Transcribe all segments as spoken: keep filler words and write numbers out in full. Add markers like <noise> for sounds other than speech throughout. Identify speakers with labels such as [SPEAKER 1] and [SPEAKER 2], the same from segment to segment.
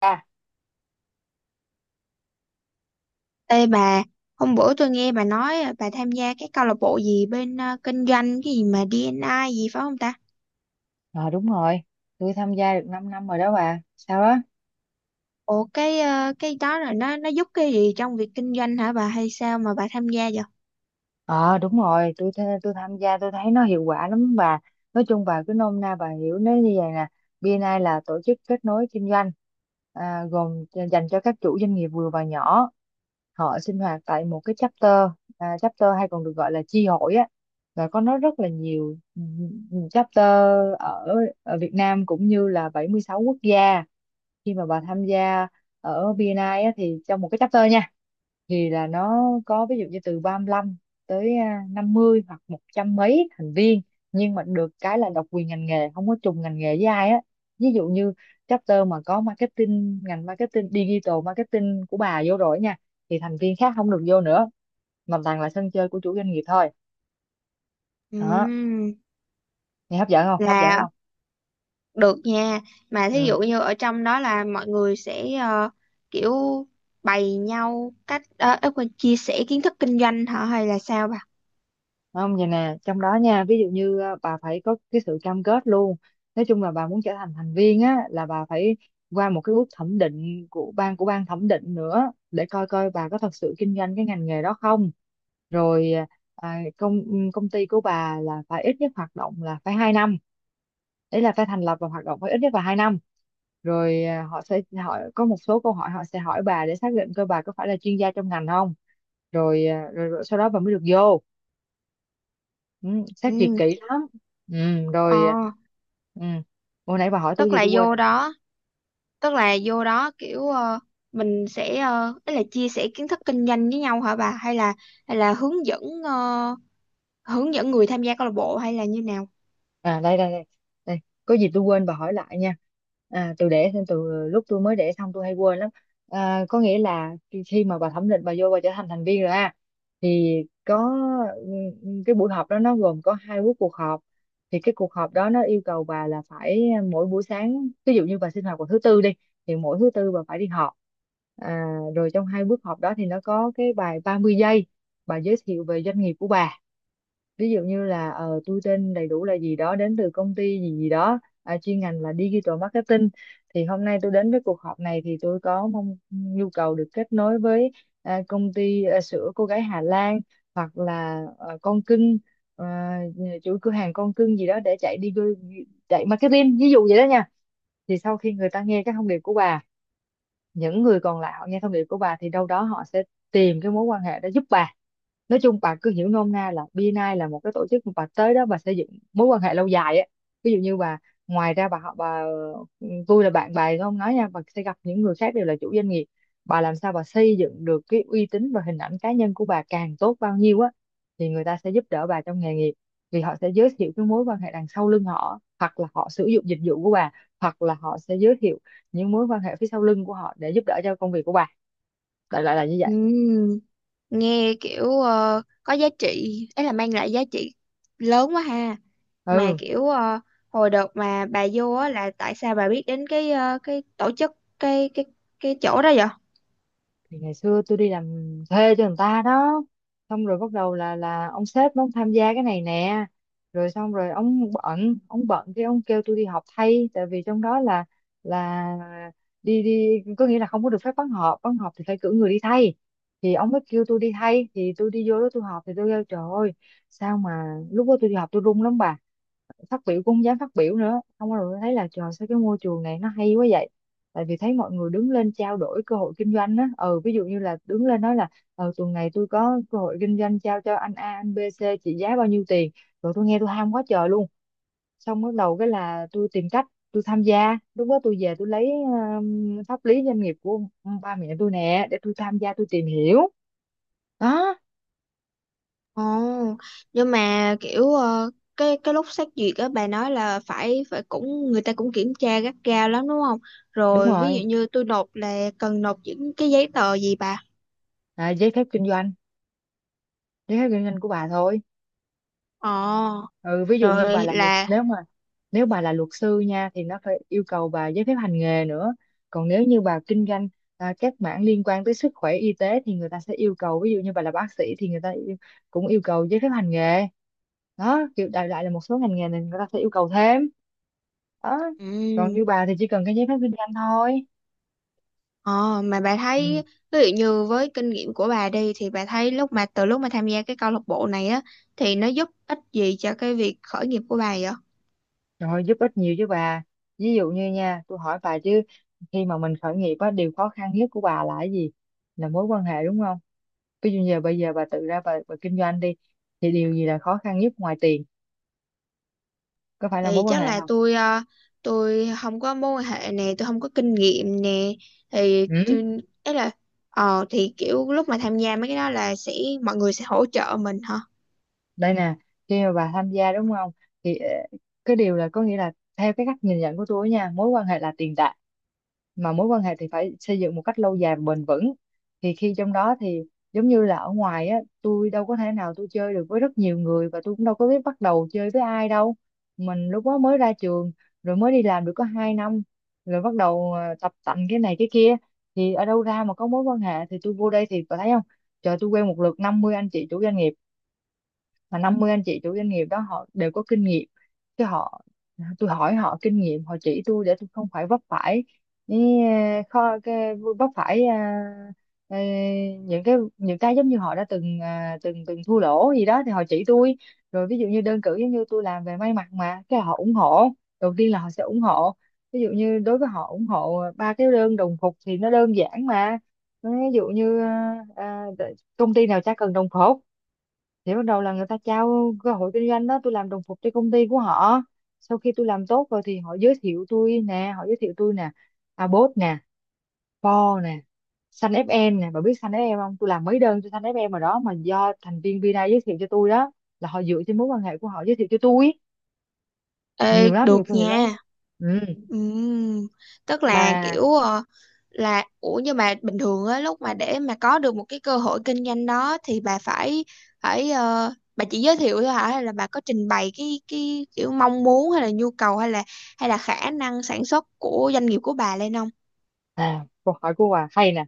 [SPEAKER 1] à,
[SPEAKER 2] Ê bà, hôm bữa tôi nghe bà nói à, bà tham gia cái câu lạc bộ gì bên à, kinh doanh cái gì mà đê en i gì phải không ta?
[SPEAKER 1] ờ, Đúng rồi, tôi tham gia được năm năm rồi đó bà, sao đó.
[SPEAKER 2] Ủa cái à, cái đó là nó nó giúp cái gì trong việc kinh doanh hả bà hay sao mà bà tham gia vậy?
[SPEAKER 1] Ờ Đúng rồi, tôi th- tôi tham gia, tôi thấy nó hiệu quả lắm bà. Nói chung bà cứ nôm na bà hiểu nó như vậy nè. bê en i là tổ chức kết nối kinh doanh, à, gồm dành cho các chủ doanh nghiệp vừa và nhỏ. Họ sinh hoạt tại một cái chapter, à, chapter hay còn được gọi là chi hội á. Và có nó rất là nhiều, ừ, chapter ở, ở Việt Nam cũng như là bảy mươi sáu quốc gia. Khi mà bà tham gia ở bê en i á, thì trong một cái chapter nha, thì là nó có ví dụ như từ ba lăm tới à, năm mươi hoặc một trăm mấy thành viên, nhưng mà được cái là độc quyền ngành nghề, không có trùng ngành nghề với ai á. Ví dụ như chapter mà có marketing, ngành marketing digital marketing của bà vô rồi nha, thì thành viên khác không được vô nữa, mà toàn là sân chơi của chủ doanh nghiệp thôi. Đó,
[SPEAKER 2] Ừm,
[SPEAKER 1] nghe hấp dẫn không, hấp dẫn
[SPEAKER 2] là
[SPEAKER 1] không?
[SPEAKER 2] được nha. Mà thí
[SPEAKER 1] Ừ.
[SPEAKER 2] dụ như ở trong đó là mọi người sẽ ờ, kiểu bày nhau cách uh, quên chia sẻ kiến thức kinh doanh hả hay là sao bà?
[SPEAKER 1] Không, vậy nè, trong đó nha, ví dụ như ờ, bà phải có cái sự cam kết luôn. Nói chung là bà muốn trở thành thành viên á là bà phải qua một cái bước thẩm định của ban của ban thẩm định nữa để coi coi bà có thật sự kinh doanh cái ngành nghề đó không. Rồi, à, công ừ, công ty của bà là phải ít nhất hoạt động là phải hai năm. Đấy là phải thành lập và hoạt động phải ít nhất là hai năm. Rồi, à, họ sẽ hỏi có một số câu hỏi, họ sẽ hỏi bà để xác định coi bà có phải là chuyên gia trong ngành không. Rồi, à, rồi, rồi sau đó bà mới được vô. ừ, Xét duyệt
[SPEAKER 2] Ừ,
[SPEAKER 1] kỹ lắm. Ừ,
[SPEAKER 2] ờ,
[SPEAKER 1] rồi. Ừ. Hồi nãy bà hỏi tôi
[SPEAKER 2] tức
[SPEAKER 1] gì
[SPEAKER 2] là
[SPEAKER 1] tôi quên
[SPEAKER 2] vô
[SPEAKER 1] rồi.
[SPEAKER 2] đó, tức là vô đó kiểu ờ, mình sẽ uh, ý là chia sẻ kiến thức kinh doanh với nhau hả bà, hay là hay là hướng dẫn ờ, hướng dẫn người tham gia câu lạc bộ hay là như nào?
[SPEAKER 1] À đây đây đây, đây, có gì tôi quên bà hỏi lại nha. À, tôi để thêm từ lúc tôi mới để xong tôi hay quên lắm. À, có nghĩa là khi khi mà bà thẩm định bà vô bà trở thành thành viên rồi ha, thì có, ừ, cái buổi họp đó nó gồm có hai buổi cuộc họp. Thì cái cuộc họp đó nó yêu cầu bà là phải, à, mỗi buổi sáng ví dụ như bà sinh hoạt vào thứ tư đi, thì mỗi thứ tư bà phải đi họp. à, Rồi trong hai buổi họp đó thì nó có cái bài ba mươi giây, bà giới thiệu về doanh nghiệp của bà. Ví dụ như là ờ, tôi tên đầy đủ là gì đó, đến từ công ty gì gì đó, à, chuyên ngành là digital marketing. Thì hôm nay tôi đến với cuộc họp này thì tôi có mong nhu cầu được kết nối với, à, công ty, à, sữa cô gái Hà Lan, hoặc là ờ, con cưng, ờ, chuỗi cửa hàng con cưng gì đó, để chạy đi chạy marketing, ví dụ vậy đó nha. Thì sau khi người ta nghe cái thông điệp của bà, những người còn lại họ nghe thông điệp của bà thì đâu đó họ sẽ tìm cái mối quan hệ đó giúp bà. Nói chung bà cứ hiểu nôm na là bê en i là một cái tổ chức mà bà tới đó bà xây dựng mối quan hệ lâu dài á. Ví dụ như bà, ngoài ra bà, họ bà, tôi là bạn bà không nói nha, bà sẽ gặp những người khác đều là chủ doanh nghiệp. Bà làm sao bà xây dựng được cái uy tín và hình ảnh cá nhân của bà càng tốt bao nhiêu á, thì người ta sẽ giúp đỡ bà trong nghề nghiệp, vì họ sẽ giới thiệu cái mối quan hệ đằng sau lưng họ, hoặc là họ sử dụng dịch vụ của bà, hoặc là họ sẽ giới thiệu những mối quan hệ phía sau lưng của họ để giúp đỡ cho công việc của bà. Đại loại là như vậy.
[SPEAKER 2] Ừm, nghe kiểu ờ, có giá trị, ấy là mang lại giá trị lớn quá ha. Mà
[SPEAKER 1] Ừ.
[SPEAKER 2] kiểu ờ, hồi đợt mà bà vô á là tại sao bà biết đến cái ờ, cái tổ chức cái cái cái chỗ đó vậy?
[SPEAKER 1] Thì ngày xưa tôi đi làm thuê cho người ta đó, xong rồi bắt đầu là là ông sếp ông tham gia cái này nè, rồi xong rồi ông bận, ông bận cái ông kêu tôi đi họp thay, tại vì trong đó là, là đi đi có nghĩa là không có được phép vắng họp, vắng họp thì phải cử người đi thay. Thì ông mới kêu tôi đi thay, thì tôi đi vô đó tôi họp, thì tôi kêu trời ơi, sao mà lúc đó tôi đi họp tôi run lắm bà. Phát biểu cũng không dám phát biểu nữa, không có. Rồi thấy là trời sao cái môi trường này nó hay quá vậy, tại vì thấy mọi người đứng lên trao đổi cơ hội kinh doanh á, ừ ví dụ như là đứng lên nói là, ờ tuần này tôi có cơ hội kinh doanh trao cho anh A anh B C trị giá bao nhiêu tiền. Rồi tôi nghe tôi ham quá trời luôn, xong bắt đầu cái là tôi tìm cách tôi tham gia, lúc đó tôi về tôi lấy um, pháp lý doanh nghiệp của ba mẹ tôi nè để tôi tham gia tôi tìm hiểu. Đó.
[SPEAKER 2] Ồ, nhưng mà kiểu ờ, cái cái lúc xét duyệt á bà nói là phải phải cũng người ta cũng kiểm tra gắt gao lắm đúng không?
[SPEAKER 1] Đúng
[SPEAKER 2] Rồi ví dụ
[SPEAKER 1] rồi,
[SPEAKER 2] như tôi nộp là cần nộp những cái giấy tờ gì bà?
[SPEAKER 1] à, giấy phép kinh doanh, giấy phép kinh doanh của bà thôi.
[SPEAKER 2] Ồ,
[SPEAKER 1] ừ Ví dụ như bà
[SPEAKER 2] rồi
[SPEAKER 1] là luật
[SPEAKER 2] là
[SPEAKER 1] nếu mà nếu bà là luật sư nha thì nó phải yêu cầu bà giấy phép hành nghề nữa. Còn nếu như bà kinh doanh à, các mảng liên quan tới sức khỏe y tế thì người ta sẽ yêu cầu, ví dụ như bà là bác sĩ thì người ta yêu- cũng yêu cầu giấy phép hành nghề. Đó, kiểu đại loại là một số ngành nghề này người ta sẽ yêu cầu thêm. Đó. Còn
[SPEAKER 2] ừ.
[SPEAKER 1] như bà thì chỉ cần cái giấy phép kinh doanh thôi.
[SPEAKER 2] Ồ, mà bà
[SPEAKER 1] Ừ.
[SPEAKER 2] thấy ví dụ như với kinh nghiệm của bà đi thì bà thấy lúc mà từ lúc mà tham gia cái câu lạc bộ này á thì nó giúp ích gì cho cái việc khởi nghiệp của bà vậy?
[SPEAKER 1] Trời ơi, giúp ích nhiều chứ bà! Ví dụ như nha, tôi hỏi bà chứ, khi mà mình khởi nghiệp á, điều khó khăn nhất của bà là cái gì? Là mối quan hệ đúng không? Ví dụ giờ bây giờ bà tự ra bà, bà kinh doanh đi, thì điều gì là khó khăn nhất ngoài tiền? Có phải là
[SPEAKER 2] Thì
[SPEAKER 1] mối quan
[SPEAKER 2] chắc
[SPEAKER 1] hệ
[SPEAKER 2] là
[SPEAKER 1] không?
[SPEAKER 2] tôi ờ, tôi không có mối quan hệ nè, tôi không có kinh nghiệm nè, thì
[SPEAKER 1] Ừ?
[SPEAKER 2] tôi ấy là ờ thì kiểu lúc mà tham gia mấy cái đó là sẽ mọi người sẽ hỗ trợ mình hả?
[SPEAKER 1] Đây nè, khi mà bà tham gia đúng không, thì ờ, cái điều là có nghĩa là theo cái cách nhìn nhận của tôi nha, mối quan hệ là tiền tệ. Mà mối quan hệ thì phải xây dựng một cách lâu dài và bền vững. Thì khi trong đó thì giống như là ở ngoài á, tôi đâu có thể nào tôi chơi được với rất nhiều người, và tôi cũng đâu có biết bắt đầu chơi với ai đâu. Mình lúc đó mới ra trường, rồi mới đi làm được có hai năm, rồi bắt đầu ờ, tập tành cái này cái kia. Thì ở đâu ra mà có mối quan hệ? Thì tôi vô đây thì bà thấy không, trời tôi quen một lượt năm mươi anh chị chủ doanh nghiệp, mà năm mươi anh chị chủ doanh nghiệp đó họ đều có kinh nghiệm chứ. Họ, tôi hỏi họ kinh nghiệm họ chỉ tôi để tôi không phải vấp phải những, ờ, kho cái vấp phải, ờ, ờ, những cái những cái giống như họ đã từng ờ, từng từng thua lỗ gì đó thì họ chỉ tôi. Rồi ví dụ như đơn cử, giống như tôi làm về may mặc mà cái họ ủng hộ đầu tiên là họ sẽ ủng hộ, ví dụ như đối với họ ủng hộ ba cái đơn đồng phục thì nó đơn giản mà. Ví dụ như ờ, ờ, công ty nào chả cần đồng phục. Thì bắt đầu là người ta trao cơ hội kinh doanh đó, tôi làm đồng phục cho công ty của họ. Sau khi tôi làm tốt rồi thì họ giới thiệu tôi nè, họ giới thiệu tôi nè, Abot nè, Paul nè, Sun ép em nè, bà biết Sun ép em không? Tôi làm mấy đơn cho Sun ép em mà đó, mà do thành viên Vina giới thiệu cho tôi đó. Là họ dựa trên mối quan hệ của họ giới thiệu cho tôi.
[SPEAKER 2] Ê,
[SPEAKER 1] Nhiều lắm,
[SPEAKER 2] được
[SPEAKER 1] nhiều người đó.
[SPEAKER 2] nha.
[SPEAKER 1] Ừ.
[SPEAKER 2] Ừm, tức là
[SPEAKER 1] mà
[SPEAKER 2] kiểu ờ, là ủa nhưng mà bình thường á lúc mà để mà có được một cái cơ hội kinh doanh đó thì bà phải phải ờ, bà chỉ giới thiệu thôi hả, hay là bà có trình bày cái cái kiểu mong muốn hay là nhu cầu, hay là hay là khả năng sản xuất của doanh nghiệp của bà lên không?
[SPEAKER 1] À, câu hỏi của Hòa hay nè.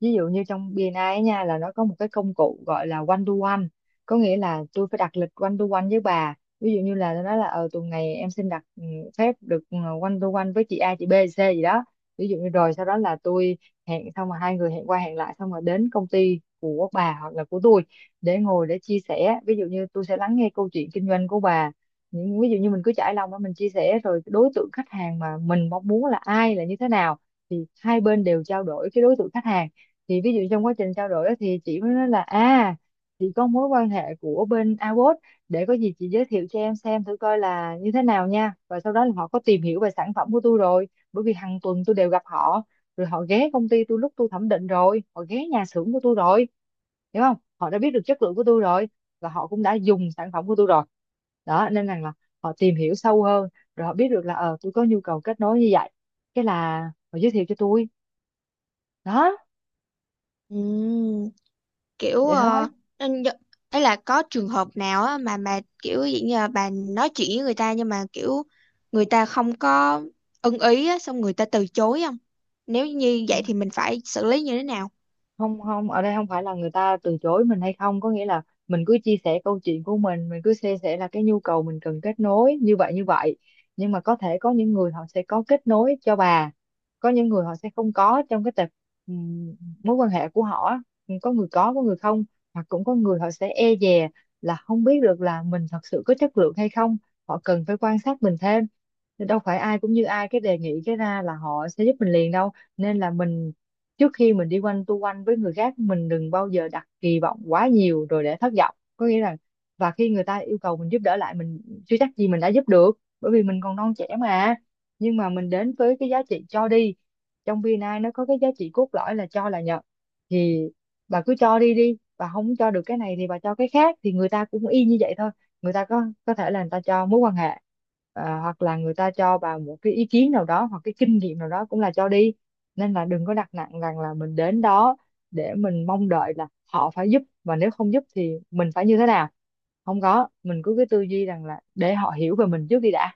[SPEAKER 1] Ví dụ như trong bi en ai ấy nha, là nó có một cái công cụ gọi là one to one. Có nghĩa là tôi phải đặt lịch one to one với bà. Ví dụ như là nó nói là ờ tuần này em xin đặt ừ, phép được ừ, one to one với chị A, chị B, C gì đó. Ví dụ như rồi sau đó là tôi hẹn xong rồi, hai người hẹn qua hẹn lại, xong rồi đến công ty của bà hoặc là của tôi để ngồi để chia sẻ. Ví dụ như tôi sẽ lắng nghe câu chuyện kinh doanh của bà, những ví dụ như mình cứ trải lòng đó, mình chia sẻ rồi đối tượng khách hàng mà mình mong muốn là ai, là như thế nào, thì hai bên đều trao đổi cái đối tượng khách hàng. Thì ví dụ trong quá trình trao đổi á, thì chị mới nói là à, chị có mối quan hệ của bên a vê kép o ét, để có gì chị giới thiệu cho em xem thử coi là như thế nào nha. Và sau đó là họ có tìm hiểu về sản phẩm của tôi rồi, bởi vì hàng tuần tôi đều gặp họ, rồi họ ghé công ty tôi lúc tôi thẩm định, rồi họ ghé nhà xưởng của tôi rồi, hiểu không? Họ đã biết được chất lượng của tôi rồi, và họ cũng đã dùng sản phẩm của tôi rồi. Đó, nên rằng là họ tìm hiểu sâu hơn, rồi họ biết được là ờ tôi có nhu cầu kết nối như vậy, cái là họ giới thiệu cho tôi. Đó,
[SPEAKER 2] Ừm, kiểu
[SPEAKER 1] vậy
[SPEAKER 2] ờ,
[SPEAKER 1] thôi.
[SPEAKER 2] nên đ- ấy là có trường hợp nào á mà mà kiểu dạng như là bà nói chuyện với người ta nhưng mà kiểu người ta không có ưng ý á xong người ta từ chối không? Nếu như vậy thì mình phải xử lý như thế nào?
[SPEAKER 1] Không, không, ở đây không phải là người ta từ chối mình hay không, có nghĩa là mình cứ chia sẻ câu chuyện của mình mình cứ chia sẻ là cái nhu cầu mình cần kết nối như vậy như vậy. Nhưng mà có thể có những người họ sẽ có kết nối cho bà, có những người họ sẽ không có trong cái tập ừm, mối quan hệ của họ á. Có người có có người không, hoặc cũng có người họ sẽ e dè, là không biết được là mình thật sự có chất lượng hay không, họ cần phải quan sát mình thêm. Thì đâu phải ai cũng như ai, cái đề nghị cái ra là họ sẽ giúp mình liền đâu. Nên là mình trước khi mình đi quanh tu quanh với người khác, mình đừng bao giờ đặt kỳ vọng quá nhiều rồi để thất vọng, có nghĩa là và khi người ta yêu cầu mình giúp đỡ lại, mình chưa chắc gì mình đã giúp được, bởi vì mình còn non trẻ mà. Nhưng mà mình đến với cái giá trị cho đi. Trong vi en ai nó có cái giá trị cốt lõi là cho là nhận. Thì bà cứ cho đi đi, bà không cho được cái này thì bà cho cái khác, thì người ta cũng y như vậy thôi. Người ta có có thể là người ta cho mối quan hệ, à, hoặc là người ta cho bà một cái ý kiến nào đó, hoặc cái kinh nghiệm nào đó, cũng là cho đi. Nên là đừng có đặt nặng rằng là mình đến đó để mình mong đợi là họ phải giúp, và nếu không giúp thì mình phải như thế nào. Không có, mình cứ cái tư duy rằng là để họ hiểu về mình trước đi đã.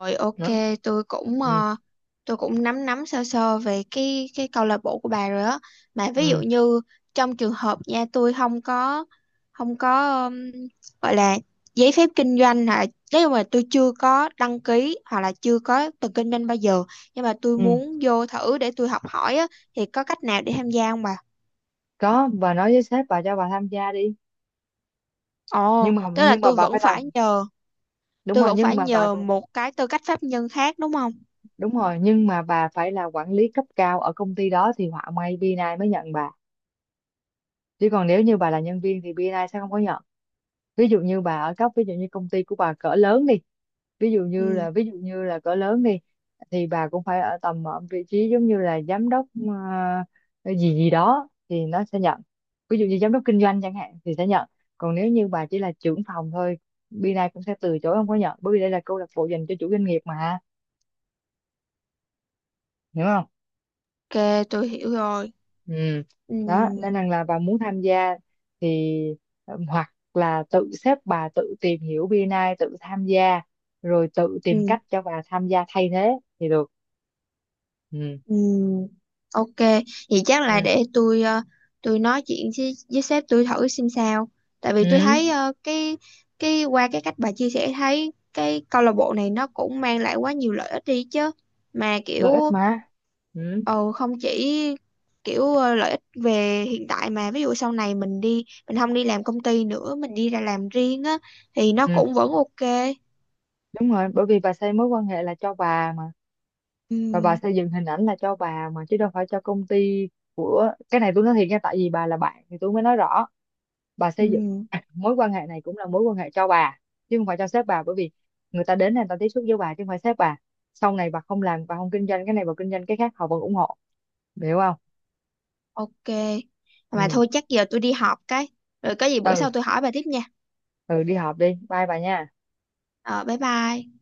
[SPEAKER 2] Rồi ok,
[SPEAKER 1] Đó.
[SPEAKER 2] tôi cũng
[SPEAKER 1] Ừ.
[SPEAKER 2] ờ, tôi cũng nắm nắm sơ sơ về cái cái câu lạc bộ của bà rồi á. Mà ví dụ
[SPEAKER 1] Ừ.
[SPEAKER 2] như trong trường hợp nha, tôi không có không có ừm, gọi là giấy phép kinh doanh hả? Nếu mà tôi chưa có đăng ký hoặc là chưa có từng kinh doanh bao giờ, nhưng mà tôi
[SPEAKER 1] Ừ,
[SPEAKER 2] muốn vô thử để tôi học hỏi á thì có cách nào để tham gia không bà?
[SPEAKER 1] có, bà nói với sếp bà cho bà tham gia đi.
[SPEAKER 2] Ồ,
[SPEAKER 1] nhưng mà
[SPEAKER 2] tức là
[SPEAKER 1] nhưng mà
[SPEAKER 2] tôi
[SPEAKER 1] bà
[SPEAKER 2] vẫn
[SPEAKER 1] phải
[SPEAKER 2] phải
[SPEAKER 1] làm.
[SPEAKER 2] nhờ,
[SPEAKER 1] đúng
[SPEAKER 2] tôi
[SPEAKER 1] rồi
[SPEAKER 2] vẫn phải
[SPEAKER 1] nhưng mà bà
[SPEAKER 2] nhờ một cái tư cách pháp nhân khác đúng không?
[SPEAKER 1] Đúng rồi, nhưng mà bà phải là quản lý cấp cao ở công ty đó thì họa may bê en i mới nhận bà. Chứ còn nếu như bà là nhân viên thì bê en i sẽ không có nhận. Ví dụ như bà ở cấp ví dụ như công ty của bà cỡ lớn đi, ví dụ như
[SPEAKER 2] Ừ,
[SPEAKER 1] là ví dụ như là cỡ lớn đi, thì bà cũng phải ở tầm ở vị trí giống như là giám đốc, ờ, gì gì đó thì nó sẽ nhận. Ví dụ như giám đốc kinh doanh chẳng hạn thì sẽ nhận. Còn nếu như bà chỉ là trưởng phòng thôi, bên này cũng sẽ từ chối không có nhận, bởi vì đây là câu lạc bộ dành cho chủ doanh nghiệp mà, hiểu không?
[SPEAKER 2] ok, tôi hiểu rồi.
[SPEAKER 1] Ừ.
[SPEAKER 2] Ừ.
[SPEAKER 1] Đó, nên rằng là bà muốn tham gia thì ừm, hoặc là tự xếp bà tự tìm hiểu bê en i, tự tham gia rồi tự tìm
[SPEAKER 2] Ừ.
[SPEAKER 1] cách cho bà tham gia thay thế thì được. Ừ.
[SPEAKER 2] Ừ, ok, vậy chắc là
[SPEAKER 1] Ừ.
[SPEAKER 2] để tôi ờ, tôi nói chuyện với, với sếp tôi thử xem sao. Tại vì tôi
[SPEAKER 1] Ừ.
[SPEAKER 2] thấy ờ, cái cái qua cái cách bà chia sẻ thấy cái câu lạc bộ này nó cũng mang lại quá nhiều lợi ích đi chứ. Mà kiểu
[SPEAKER 1] Lợi ích mà. Ừ.
[SPEAKER 2] ờ, không chỉ kiểu ờ, lợi ích về hiện tại mà ví dụ sau này mình đi, mình không đi làm công ty nữa, mình đi ra làm riêng á thì nó
[SPEAKER 1] Ừ.
[SPEAKER 2] cũng vẫn ok.
[SPEAKER 1] Đúng rồi, bởi vì bà xây mối quan hệ là cho bà mà, và bà
[SPEAKER 2] Ừ,
[SPEAKER 1] xây dựng hình ảnh là cho bà mà, chứ đâu phải cho công ty. Cái này tôi nói thiệt nha, tại vì bà là bạn thì tôi mới nói rõ. Bà xây dựng
[SPEAKER 2] ừ.
[SPEAKER 1] <coughs> mối quan hệ này cũng là mối quan hệ cho bà, chứ không phải cho sếp bà, bởi vì người ta đến này người ta tiếp xúc với bà chứ không phải sếp bà. Sau này bà không làm, bà không kinh doanh cái này, bà kinh doanh cái khác, họ vẫn ủng hộ, hiểu không?
[SPEAKER 2] Ok. Mà
[SPEAKER 1] Ừ.
[SPEAKER 2] thôi chắc giờ tôi đi họp cái. Rồi có gì bữa
[SPEAKER 1] Ừ,
[SPEAKER 2] sau tôi hỏi bà tiếp nha.
[SPEAKER 1] ừ đi họp đi, bye bà nha.
[SPEAKER 2] Ờ, bye bye.